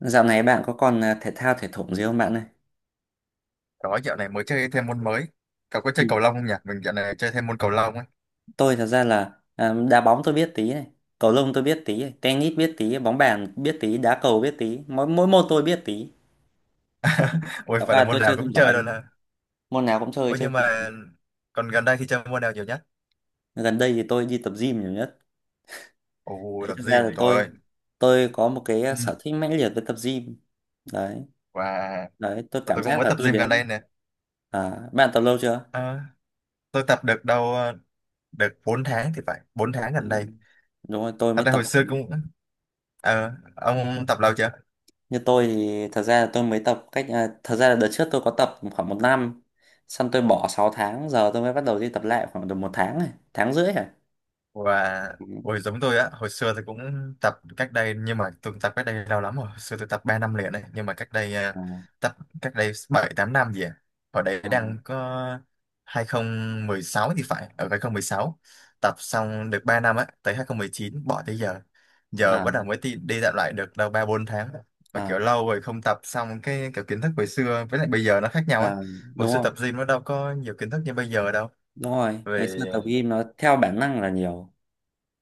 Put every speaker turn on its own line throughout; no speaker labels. Dạo này bạn có còn thể thao thể thủng gì không bạn ơi?
Đó, dạo này mới chơi thêm môn mới. Cậu có chơi
Ừ.
cầu lông không nhỉ? Mình dạo này chơi thêm môn cầu lông ấy.
Tôi thật ra là đá bóng tôi biết tí này, cầu lông tôi biết tí này, tennis biết tí, bóng bàn biết tí, đá cầu biết tí, mỗi mỗi môn tôi biết tí.
Ôi,
Thật
phải là
ra
môn
tôi chơi
nào
không
cũng chơi
giỏi
luôn
thôi.
hả?
Môn nào cũng chơi
Ôi,
chơi
nhưng
không
mà
giỏi.
còn gần đây thì chơi môn nào nhiều nhất?
Gần đây thì tôi đi tập gym nhiều nhất.
Ồ,
Đấy,
tập
thật ra là
gym,
tôi
rồi.
tôi có một cái
Ừ.
sở thích mãnh liệt với tập gym. Đấy,
Và
đấy, tôi
và
cảm
tôi cũng
giác
mới
là
tập
tôi
gym gần
đến.
đây nè.
Bạn tập lâu chưa?
À, tôi tập được đâu, được 4 tháng thì phải. Bốn tháng
Ừ.
gần đây.
Đúng rồi, tôi
Thật
mới
ra
tập.
hồi xưa cũng... Ờ, ông tập lâu chưa?
Như tôi thì thật ra là tôi mới tập cách, thật ra là đợt trước tôi có tập khoảng một năm, xong tôi bỏ 6 tháng, giờ tôi mới bắt đầu đi tập lại khoảng được một tháng này, tháng rưỡi à.
Và
Ừ.
ôi giống tôi á, hồi xưa tôi cũng tập cách đây, nhưng mà tôi tập cách đây lâu lắm rồi. Hồi xưa tôi tập 3 năm liền này, nhưng mà cách đây
Ờ,
tập cách đây 7 8 năm gì à, hồi đấy
ờ.
đang có hai không một sáu thì phải, ở 2016 tập xong được 3 năm á, tới 2019 bỏ tới giờ. Giờ
À,
bắt đầu mới đi dạo lại được đâu 3 4 tháng, mà
à,
kiểu lâu rồi không tập xong cái kiểu kiến thức hồi xưa với lại bây giờ nó khác nhau á.
à.
Hồi
Đúng
xưa
rồi,
tập gym nó đâu có nhiều kiến thức như bây giờ đâu.
đúng rồi. Ngày
Về
xưa tập gym nó theo bản năng là nhiều.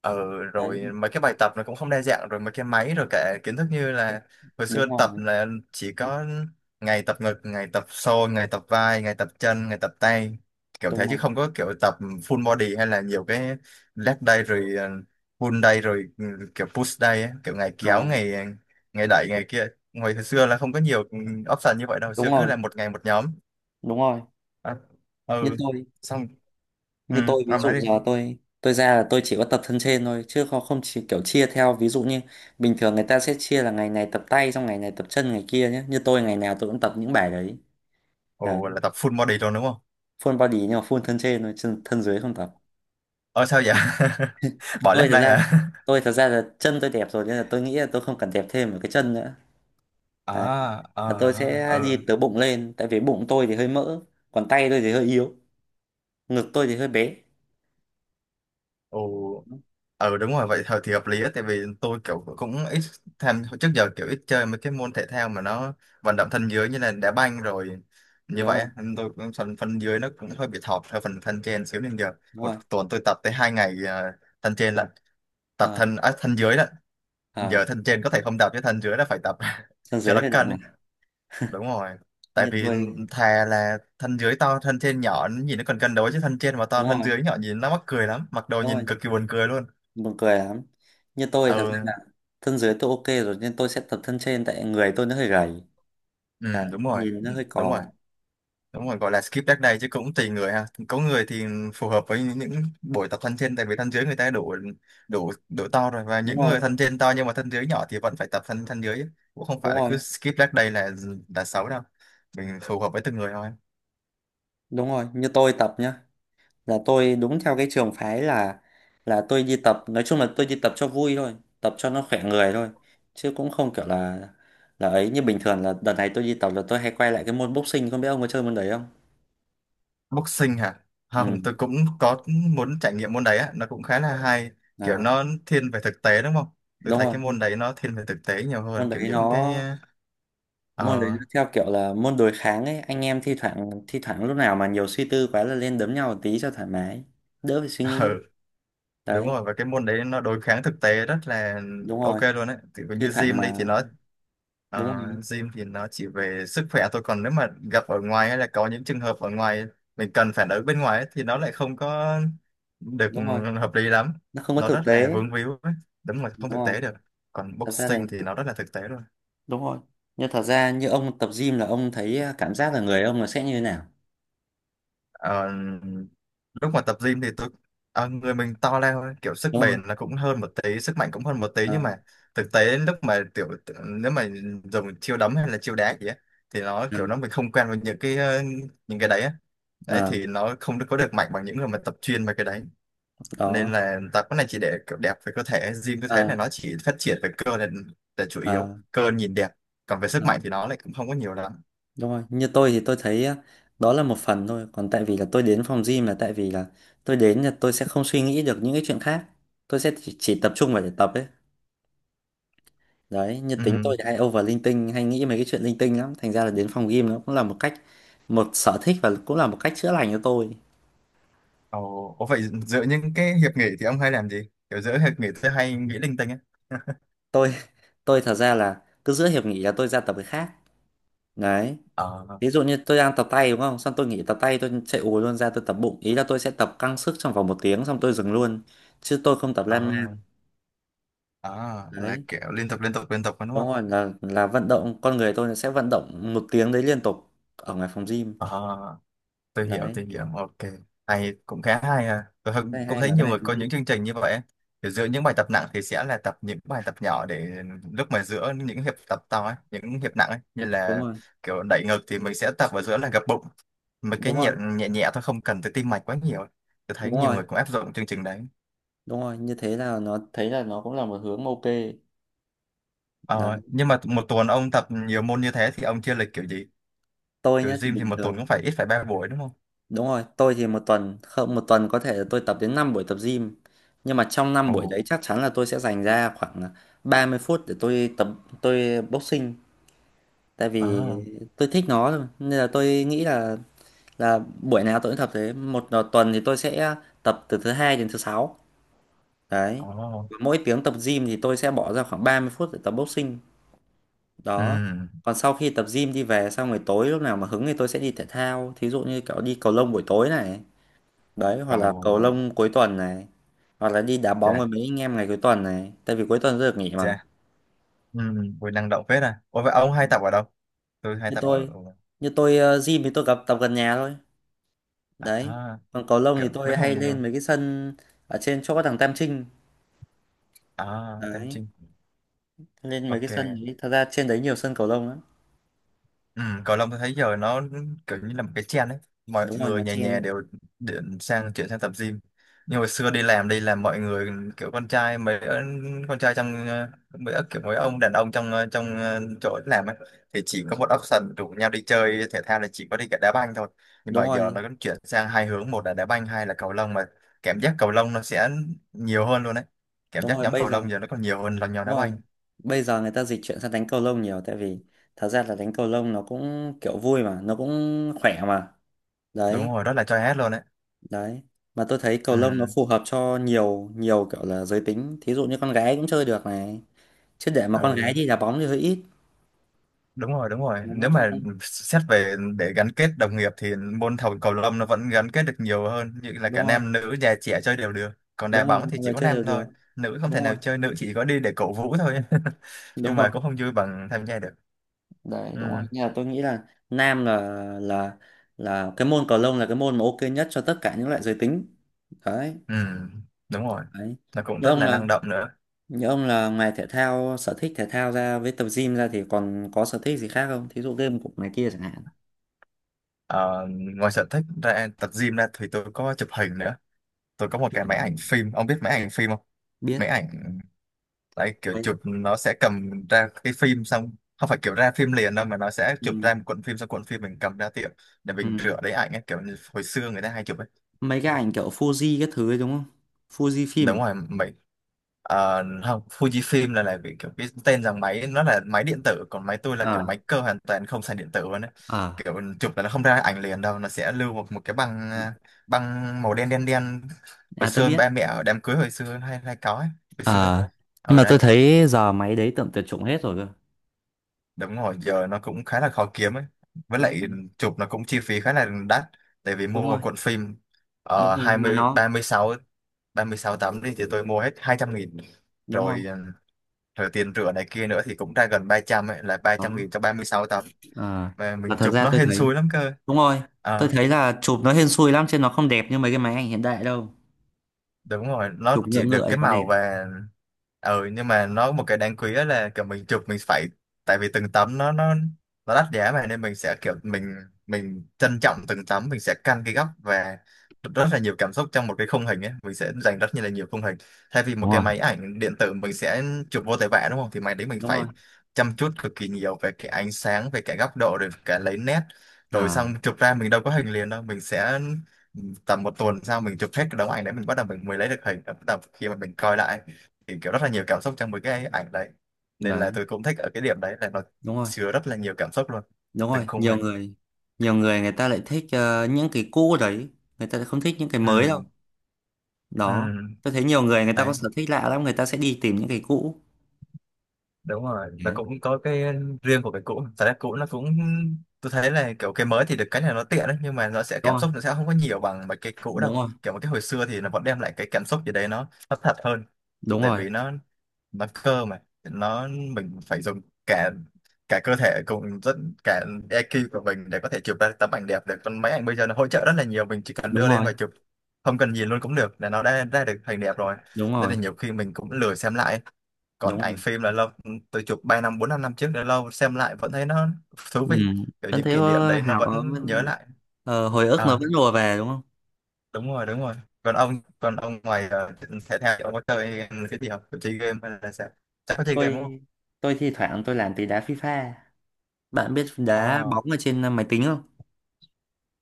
ừ,
Đấy,
rồi mấy cái bài tập nó cũng không đa dạng, rồi mấy cái máy, rồi cả kiến thức như là hồi xưa
đúng rồi,
tập là chỉ có ngày tập ngực, ngày tập xô, ngày tập vai, ngày tập chân, ngày tập tay, kiểu
đúng
thế chứ
rồi.
không có kiểu tập full body hay là nhiều cái leg day rồi pull day rồi kiểu push day ấy, kiểu ngày kéo
À,
ngày, ngày đẩy ngày kia. Hồi hồi xưa là không có nhiều option như vậy đâu, hồi
đúng
xưa cứ
rồi,
là một ngày một nhóm.
đúng rồi.
à,
như
ừ,
tôi
xong ừ,
như tôi ví
ông nói
dụ
đi.
giờ tôi ra là tôi chỉ có tập thân trên thôi, chứ không không chỉ kiểu chia theo. Ví dụ như bình thường người ta sẽ chia là ngày này tập tay, xong ngày này tập chân, ngày kia nhé. Như tôi ngày nào tôi cũng tập những bài đấy. à,
Ồ, là tập full body luôn đúng không?
Full body nhưng mà full thân trên thôi, chân thân dưới không tập.
Ờ sao vậy? Bỏ
tôi
lát
thật
đây
ra
hả?
tôi thật ra là chân tôi đẹp rồi nên là tôi nghĩ là tôi không cần đẹp thêm một cái chân nữa. Đấy,
À,
là tôi
ờ,
sẽ
ừ,
đi từ bụng lên tại vì bụng tôi thì hơi mỡ, còn tay tôi thì hơi yếu, ngực tôi thì hơi bé.
ừ, ừ, đúng rồi, vậy thôi thì hợp lý á, tại vì tôi kiểu cũng ít tham, trước giờ kiểu ít chơi mấy cái môn thể thao mà nó vận động thân dưới như là đá banh rồi
Đúng
như vậy
rồi.
á, nên tôi cũng phần phần dưới nó cũng hơi bị thọt theo phần thân trên xíu nên giờ
Đúng
một
rồi
tuần tôi tập tới hai ngày thân trên lận, tập
ờ,
thân, à, thân dưới lận,
ờ,
giờ thân trên có thể không tập chứ thân dưới là phải tập
thân
cho
dưới
nó
hơi động
cân.
à.
Đúng rồi, tại
Như
vì
tôi.
thà là thân dưới to thân trên nhỏ nhìn nó còn cân đối, chứ thân trên mà to
Đúng
thân
rồi.
dưới nhỏ nhìn nó mắc cười lắm, mặc đồ
Đúng rồi,
nhìn cực kỳ buồn cười luôn.
buồn cười lắm. Như tôi thì thật ra là
Ừ,
thân dưới tôi ok rồi nên tôi sẽ tập thân trên, tại người tôi nó hơi gầy. Đấy,
ừ đúng rồi.
nhìn
Ừ,
nó hơi
đúng rồi
cò.
đúng rồi, gọi là skip leg day chứ cũng tùy người ha, có người thì phù hợp với những buổi tập thân trên tại vì thân dưới người ta đủ đủ đủ to rồi, và
Đúng
những
rồi
người thân trên to nhưng mà thân dưới nhỏ thì vẫn phải tập thân thân dưới. Cũng không
đúng
phải là
rồi.
cứ skip leg day là xấu đâu, mình phù hợp với từng người thôi.
Đúng rồi, như tôi tập nhá, là tôi đúng theo cái trường phái là tôi đi tập, nói chung là tôi đi tập cho vui thôi, tập cho nó khỏe người thôi. Chứ cũng không kiểu là, ấy như bình thường là đợt này tôi đi tập là tôi hay quay lại cái môn boxing, không biết ông có chơi môn đấy không.
Boxing hả? Không,
Ừ.
tôi cũng có muốn trải nghiệm môn đấy á, nó cũng khá là hay, kiểu
à,
nó thiên về thực tế đúng không? Tôi
Đúng
thấy
rồi,
cái môn đấy nó thiên về thực tế nhiều
môn
hơn, kiểu
đấy
những
nó
cái
môn đấy
ờ
nó theo kiểu là môn đối kháng ấy, anh em thi thoảng, lúc nào mà nhiều suy tư quá là lên đấm nhau một tí cho thoải mái, đỡ phải suy nghĩ.
đúng
Đấy,
rồi, và cái môn đấy nó đối kháng thực tế rất là
đúng
ok
rồi.
luôn đấy. Thì
Thi
như
thoảng
gym
mà
đây thì nó
đúng
ờ,
rồi,
gym thì nó chỉ về sức khỏe thôi, còn nếu mà gặp ở ngoài hay là có những trường hợp ở ngoài mình cần phản ứng bên ngoài ấy, thì nó lại không có được
đúng rồi,
hợp lý lắm,
nó không có
nó
thực
rất là
tế.
vướng víu ấy. Đúng là
Đúng
không thực
rồi,
tế được. Còn
thật ra thì
boxing thì nó rất là thực tế luôn.
đúng rồi. Nhưng thật ra như ông tập gym là ông thấy, cảm giác là người ông là sẽ như thế nào,
Ờ, lúc mà tập gym thì tôi người mình to lên thôi, kiểu sức
đúng không?
bền là cũng hơn một tí, sức mạnh cũng hơn một tí,
Ờ,
nhưng mà thực tế lúc mà tiểu nếu mà dùng chiêu đấm hay là chiêu đá gì á thì nó
ờ,
kiểu nó mình không quen với những cái những cái đấy á, đấy
ờ,
thì nó không có được mạnh bằng những người mà tập chuyên về cái đấy.
đó.
Nên là tập cái này chỉ để kiểu đẹp về cơ thể, gym tôi thấy là
Ờ,
nó chỉ phát triển về cơ là chủ
ờ,
yếu cơ nhìn đẹp, còn về sức
ờ.
mạnh thì nó lại cũng không có nhiều lắm.
Đúng rồi, như tôi thì tôi thấy á, đó là một phần thôi. Còn tại vì là tôi đến phòng gym là tại vì là tôi đến là tôi sẽ không suy nghĩ được những cái chuyện khác. Tôi sẽ chỉ tập trung vào để tập ấy. Đấy, như
Ừ.
tính tôi thì hay over linh tinh, hay nghĩ mấy cái chuyện linh tinh lắm. Thành ra là đến phòng gym nó cũng là một cách, một sở thích và cũng là một cách chữa lành cho tôi.
Ồ, có phải giữa những cái hiệp nghị thì ông hay làm gì? Kiểu giữa hiệp nghị tôi hay nghĩ linh tinh ấy.
Tôi, tôi thật ra là cứ giữa hiệp nghỉ là tôi ra tập cái khác. Đấy,
Ờ,
ví dụ như tôi đang tập tay đúng không? Xong tôi nghỉ tập tay, tôi chạy ù luôn ra tôi tập bụng. Ý là tôi sẽ tập căng sức trong vòng một tiếng xong tôi dừng luôn. Chứ tôi không tập
ờ,
lan man.
ờ, là
Đấy.
kiểu liên tục liên tục liên tục đúng
Đúng
không?
rồi, là vận động con người tôi nó sẽ vận động một tiếng đấy liên tục ở ngoài phòng gym.
Ờ,
Đấy,
tôi hiểu, ok. Hay, cũng khá hay à. Tôi
cái này
cũng
hay
thấy
mà, cái
nhiều
này
người
thú
có
vị.
những chương trình như vậy ấy. Kiểu giữa những bài tập nặng thì sẽ là tập những bài tập nhỏ để lúc mà giữa những hiệp tập to ấy, những hiệp nặng ấy. Như
Đúng
là
rồi.
kiểu đẩy ngực thì mình sẽ tập vào giữa là gập bụng. Mấy cái
Đúng
nhẹ
rồi.
nhẹ, nhẹ thôi không cần tới tim mạch quá nhiều. Tôi thấy
Đúng
nhiều
rồi.
người cũng áp dụng chương trình đấy.
Đúng rồi, như thế là nó thấy là nó cũng là một hướng ok. Đấy,
Ờ, nhưng mà một tuần ông tập nhiều môn như thế thì ông chia lịch kiểu gì?
tôi
Kiểu
nhá thì
gym thì
bình
một tuần
thường.
cũng phải ít phải ba buổi đúng không?
Đúng rồi, tôi thì một tuần, không, một tuần có thể là tôi tập đến 5 buổi tập gym. Nhưng mà trong năm
Ồ,
buổi đấy chắc chắn là tôi sẽ dành ra khoảng 30 phút để tôi tập boxing. Tại vì
à,
tôi thích nó thôi nên là tôi nghĩ là buổi nào tôi cũng tập thế. Một tuần thì tôi sẽ tập từ thứ hai đến thứ sáu. Đấy,
ờ,
mỗi tiếng tập gym thì tôi sẽ bỏ ra khoảng 30 phút để tập boxing. Đó,
ừ,
còn sau khi tập gym đi về xong rồi tối lúc nào mà hứng thì tôi sẽ đi thể thao, thí dụ như kiểu đi cầu lông buổi tối này. Đấy,
ồ,
hoặc là cầu lông cuối tuần này, hoặc là đi đá bóng
chà,
với mấy anh em ngày cuối tuần này, tại vì cuối tuần tôi được nghỉ mà.
chà, ừ, buổi năng động phết à. Ủa vậy ông hay tập ở đâu? Tôi hay tập
như
ở,
tôi như tôi gym thì tôi gặp tập gần nhà thôi. Đấy,
à,
còn cầu lông
kiểu
thì
mấy
tôi hay
phòng, ờ,
lên mấy cái sân ở trên chỗ có thằng Tam Trinh.
à, Tam
Đấy,
Trinh,
lên mấy cái sân
ok.
đấy, thật ra trên đấy nhiều sân cầu lông lắm.
Ừ, cầu lông tôi thấy giờ nó kiểu như là một cái trend đấy, mọi
Đúng rồi, nó
người nhà nhà
chen.
đều điện sang chuyển sang tập gym. Nhưng hồi xưa
Ôi.
đi làm mọi người kiểu con trai mấy con trai trong mấy kiểu mấy ông đàn ông trong trong chỗ làm ấy thì chỉ có một option rủ nhau đi chơi thể thao là chỉ có đi cả đá banh thôi. Nhưng
Đúng
mà giờ
rồi.
nó cũng chuyển sang hai hướng, một là đá banh hai là cầu lông, mà cảm giác cầu lông nó sẽ nhiều hơn luôn đấy, cảm
Đúng
giác
rồi,
nhóm
bây
cầu
giờ.
lông giờ nó còn nhiều hơn là nhóm
Đúng
đá
rồi,
banh.
bây giờ người ta dịch chuyển sang đánh cầu lông nhiều tại vì thật ra là đánh cầu lông nó cũng kiểu vui mà nó cũng khỏe mà.
Đúng
Đấy.
rồi, rất là choi hết luôn đấy.
Đấy, mà tôi thấy cầu
Ừ.
lông nó phù hợp cho nhiều, nhiều kiểu là giới tính, thí dụ như con gái cũng chơi được này. Chứ để mà con gái
Ừ.
đi đá bóng thì hơi ít.
Đúng rồi đúng rồi,
Đó,
nếu mà xét về để gắn kết đồng nghiệp thì môn thầu cầu lông nó vẫn gắn kết được nhiều hơn, như là cả
đúng rồi.
nam nữ già trẻ chơi đều được, còn đá
Đúng rồi,
bóng
mọi
thì chỉ
người
có
chơi đều
nam
được.
thôi, nữ không thể
Đúng
nào
rồi.
chơi, nữ chỉ có đi để cổ vũ thôi
Đúng
nhưng
rồi.
mà cũng không vui bằng tham gia được.
Đấy, đúng rồi
Ừ,
nhưng mà tôi nghĩ là nam là, là là cái môn cầu lông là cái môn mà ok nhất cho tất cả những loại giới tính. Đấy.
ừ, đúng rồi,
Đấy,
nó cũng
như
rất
ông
là
là
năng động nữa.
như ông là ngoài thể thao, sở thích thể thao ra với tập gym ra thì còn có sở thích gì khác không, thí dụ game của này kia chẳng hạn?
Ờ, ngoài sở thích ra tập gym ra thì tôi có chụp hình nữa, tôi có một cái máy ảnh phim, ông biết máy ảnh phim không? Máy
Biết
ảnh đấy, kiểu
đấy.
chụp nó sẽ cầm ra cái phim xong, không phải kiểu ra phim liền đâu mà nó sẽ chụp
Ừ.
ra một cuộn phim, xong cuộn phim mình cầm ra tiệm để
Ừ.
mình rửa lấy ảnh ấy, kiểu như hồi xưa người ta hay chụp ấy.
Mấy cái ảnh kiểu Fuji cái thứ ấy đúng không, Fuji phim
Đúng
à?
rồi, mình không, Fujifilm là vì kiểu cái tên rằng máy nó là máy điện tử, còn máy tôi là kiểu máy cơ hoàn toàn không xài điện tử luôn ấy.
Ờ.
Kiểu chụp là nó không ra ảnh liền đâu, nó sẽ lưu một cái băng
Ờ.
băng màu đen đen đen, hồi
À, tôi
xưa
biết.
ba mẹ ở đám cưới hồi xưa hay hay có ấy, hồi xưa ấy,
Ờ, nhưng
ở
mà tôi
đấy.
thấy giờ máy đấy tầm tuyệt chủng hết rồi cơ.
Đúng rồi, giờ nó cũng khá là khó kiếm ấy. Với
Đúng
lại
rồi.
chụp nó cũng chi phí khá là đắt. Tại vì mua
Đúng
một
rồi.
cuộn phim
Đúng rồi, mà
20,
nó
36, 36 tấm đi thì tôi mua hết 200 nghìn.
đúng
Rồi,
không?
ờ, rồi tiền rửa này kia nữa thì cũng ra gần 300 ấy, là
Đó.
300 nghìn cho 36 tấm.
à,
Mà
và
mình
thật
chụp
ra
nó
tôi
hên
thấy,
xui lắm cơ.
đúng rồi, tôi
Ờ.
thấy là chụp nó hên xui lắm chứ nó không đẹp như mấy cái máy ảnh hiện đại đâu.
Đúng rồi, nó
Chụp ngựa
chỉ được
ngựa
cái
thì có
màu
đẹp.
và ừ nhưng mà nó có một cái đáng quý, đó là kiểu mình chụp mình phải, tại vì từng tấm nó đắt giá mà, nên mình sẽ kiểu mình trân trọng từng tấm, mình sẽ căn cái góc và rất là nhiều cảm xúc trong một cái khung hình ấy, mình sẽ dành rất như là nhiều khung hình thay vì một
Đúng
cái
rồi.
máy ảnh điện tử mình sẽ chụp vô tới vẽ đúng không, thì máy đấy mình
Đúng rồi.
phải chăm chút cực kỳ nhiều về cái ánh sáng, về cái góc độ rồi cả lấy nét, rồi
À.
xong chụp ra mình đâu có hình liền đâu, mình sẽ tầm một tuần sau mình chụp hết cái đống ảnh đấy mình bắt đầu mình mới lấy được hình, bắt đầu khi mà mình coi lại thì kiểu rất là nhiều cảm xúc trong mấy cái ảnh đấy, nên là
Đấy.
tôi cũng thích ở cái điểm đấy là nó
Đúng rồi.
chứa rất là nhiều cảm xúc luôn
Đúng
từng
rồi,
khung
nhiều
hình.
người, nhiều người người ta lại thích những cái cũ đấy, người ta lại không thích những cái
Ừ,
mới đâu.
ừ.
Đó, tôi thấy nhiều người người ta có
Đấy
sở thích lạ lắm, người ta sẽ đi tìm những cái cũ.
đúng rồi, nó
Đấy.
cũng có cái riêng của cái cũ, thật ra cũ nó cũng, tôi thấy là kiểu cái mới thì được cái này nó tiện đấy nhưng mà nó sẽ
Đúng
cảm
rồi.
xúc nó sẽ không có nhiều bằng mấy cái cũ đâu.
Đúng rồi.
Kiểu một cái hồi xưa thì nó vẫn đem lại cái cảm xúc gì đấy, nó thật hơn,
Đúng
tại
rồi.
vì nó cơ mà nó mình phải dùng cả cả cơ thể cùng rất cả EQ của mình để có thể chụp ra tấm ảnh đẹp được, còn máy ảnh bây giờ nó hỗ trợ rất là nhiều, mình chỉ cần
Đúng
đưa lên
rồi.
và chụp, không cần nhìn luôn cũng được là nó đã ra được hình đẹp rồi,
Đúng
nên
rồi.
là nhiều khi mình cũng lười xem lại. Còn
Đúng
ảnh
rồi.
phim là lâu, tôi chụp 3 năm 4 5 năm trước đã lâu xem lại vẫn thấy nó thú
Ừ,
vị, kiểu
vẫn
những
thấy
kỷ niệm
ờ,
đấy nó
hào ờ,
vẫn nhớ
vẫn-
lại.
ờ, hồi ức nó
À,
vẫn lùa về đúng không?
đúng rồi đúng rồi. Còn ông còn ông ngoài thể thao thì ông có chơi cái gì không, chơi game hay là sao, chắc có chơi game đúng
tôi
không?
tôi thi thoảng tôi làm tí đá FIFA, bạn biết đá
Ồ.
bóng ở trên máy tính không?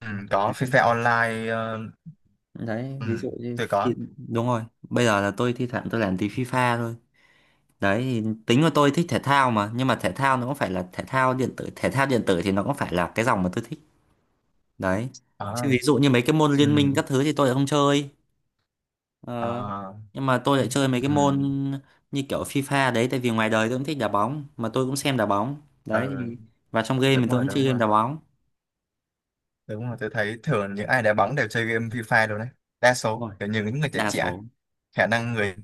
Ừ, có
đấy,
FIFA Online
đấy
ừ,
ví dụ như
tôi có.
khi- đúng rồi, bây giờ là tôi thi thoảng tôi làm tí FIFA thôi. Đấy thì tính của tôi thích thể thao mà, nhưng mà thể thao nó cũng phải là thể thao điện tử, thể thao điện tử thì nó cũng phải là cái dòng mà tôi thích. Đấy, chứ
Ờ,
ví dụ như mấy cái môn
ừ,
liên minh các thứ thì tôi lại không chơi. Ờ,
ờ,
nhưng mà tôi lại chơi mấy cái
ừ,
môn như kiểu FIFA đấy, tại vì ngoài đời tôi cũng thích đá bóng mà tôi cũng xem đá bóng. Đấy
ờ,
thì-, và trong game thì
đúng
tôi
rồi
cũng
đúng
chơi game
rồi
đá bóng.
đúng rồi, tôi thấy thường những ai đá bóng đều chơi game FIFA rồi đấy, đa số kiểu như những người trẻ
Đa
trẻ
số
khả năng người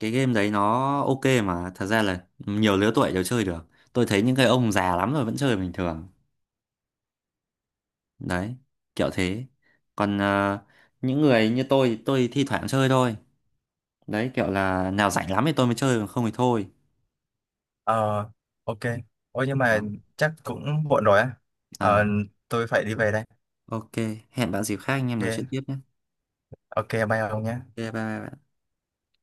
cái game đấy nó ok mà, thật ra là nhiều lứa tuổi đều chơi được. Tôi thấy những cái ông già lắm rồi vẫn chơi bình thường. Đấy, kiểu thế. Còn những người như tôi thi thoảng chơi thôi. Đấy, kiểu là nào rảnh lắm thì tôi mới chơi còn không thì thôi.
ờ, ok. Ôi nhưng mà
Đó.
chắc cũng muộn rồi á. Ờ,
À,
tôi phải đi về đây.
ok, hẹn bạn dịp khác anh em nói chuyện
Ok.
tiếp nhé.
Ok bye ông nhé.
Ok, bye bye.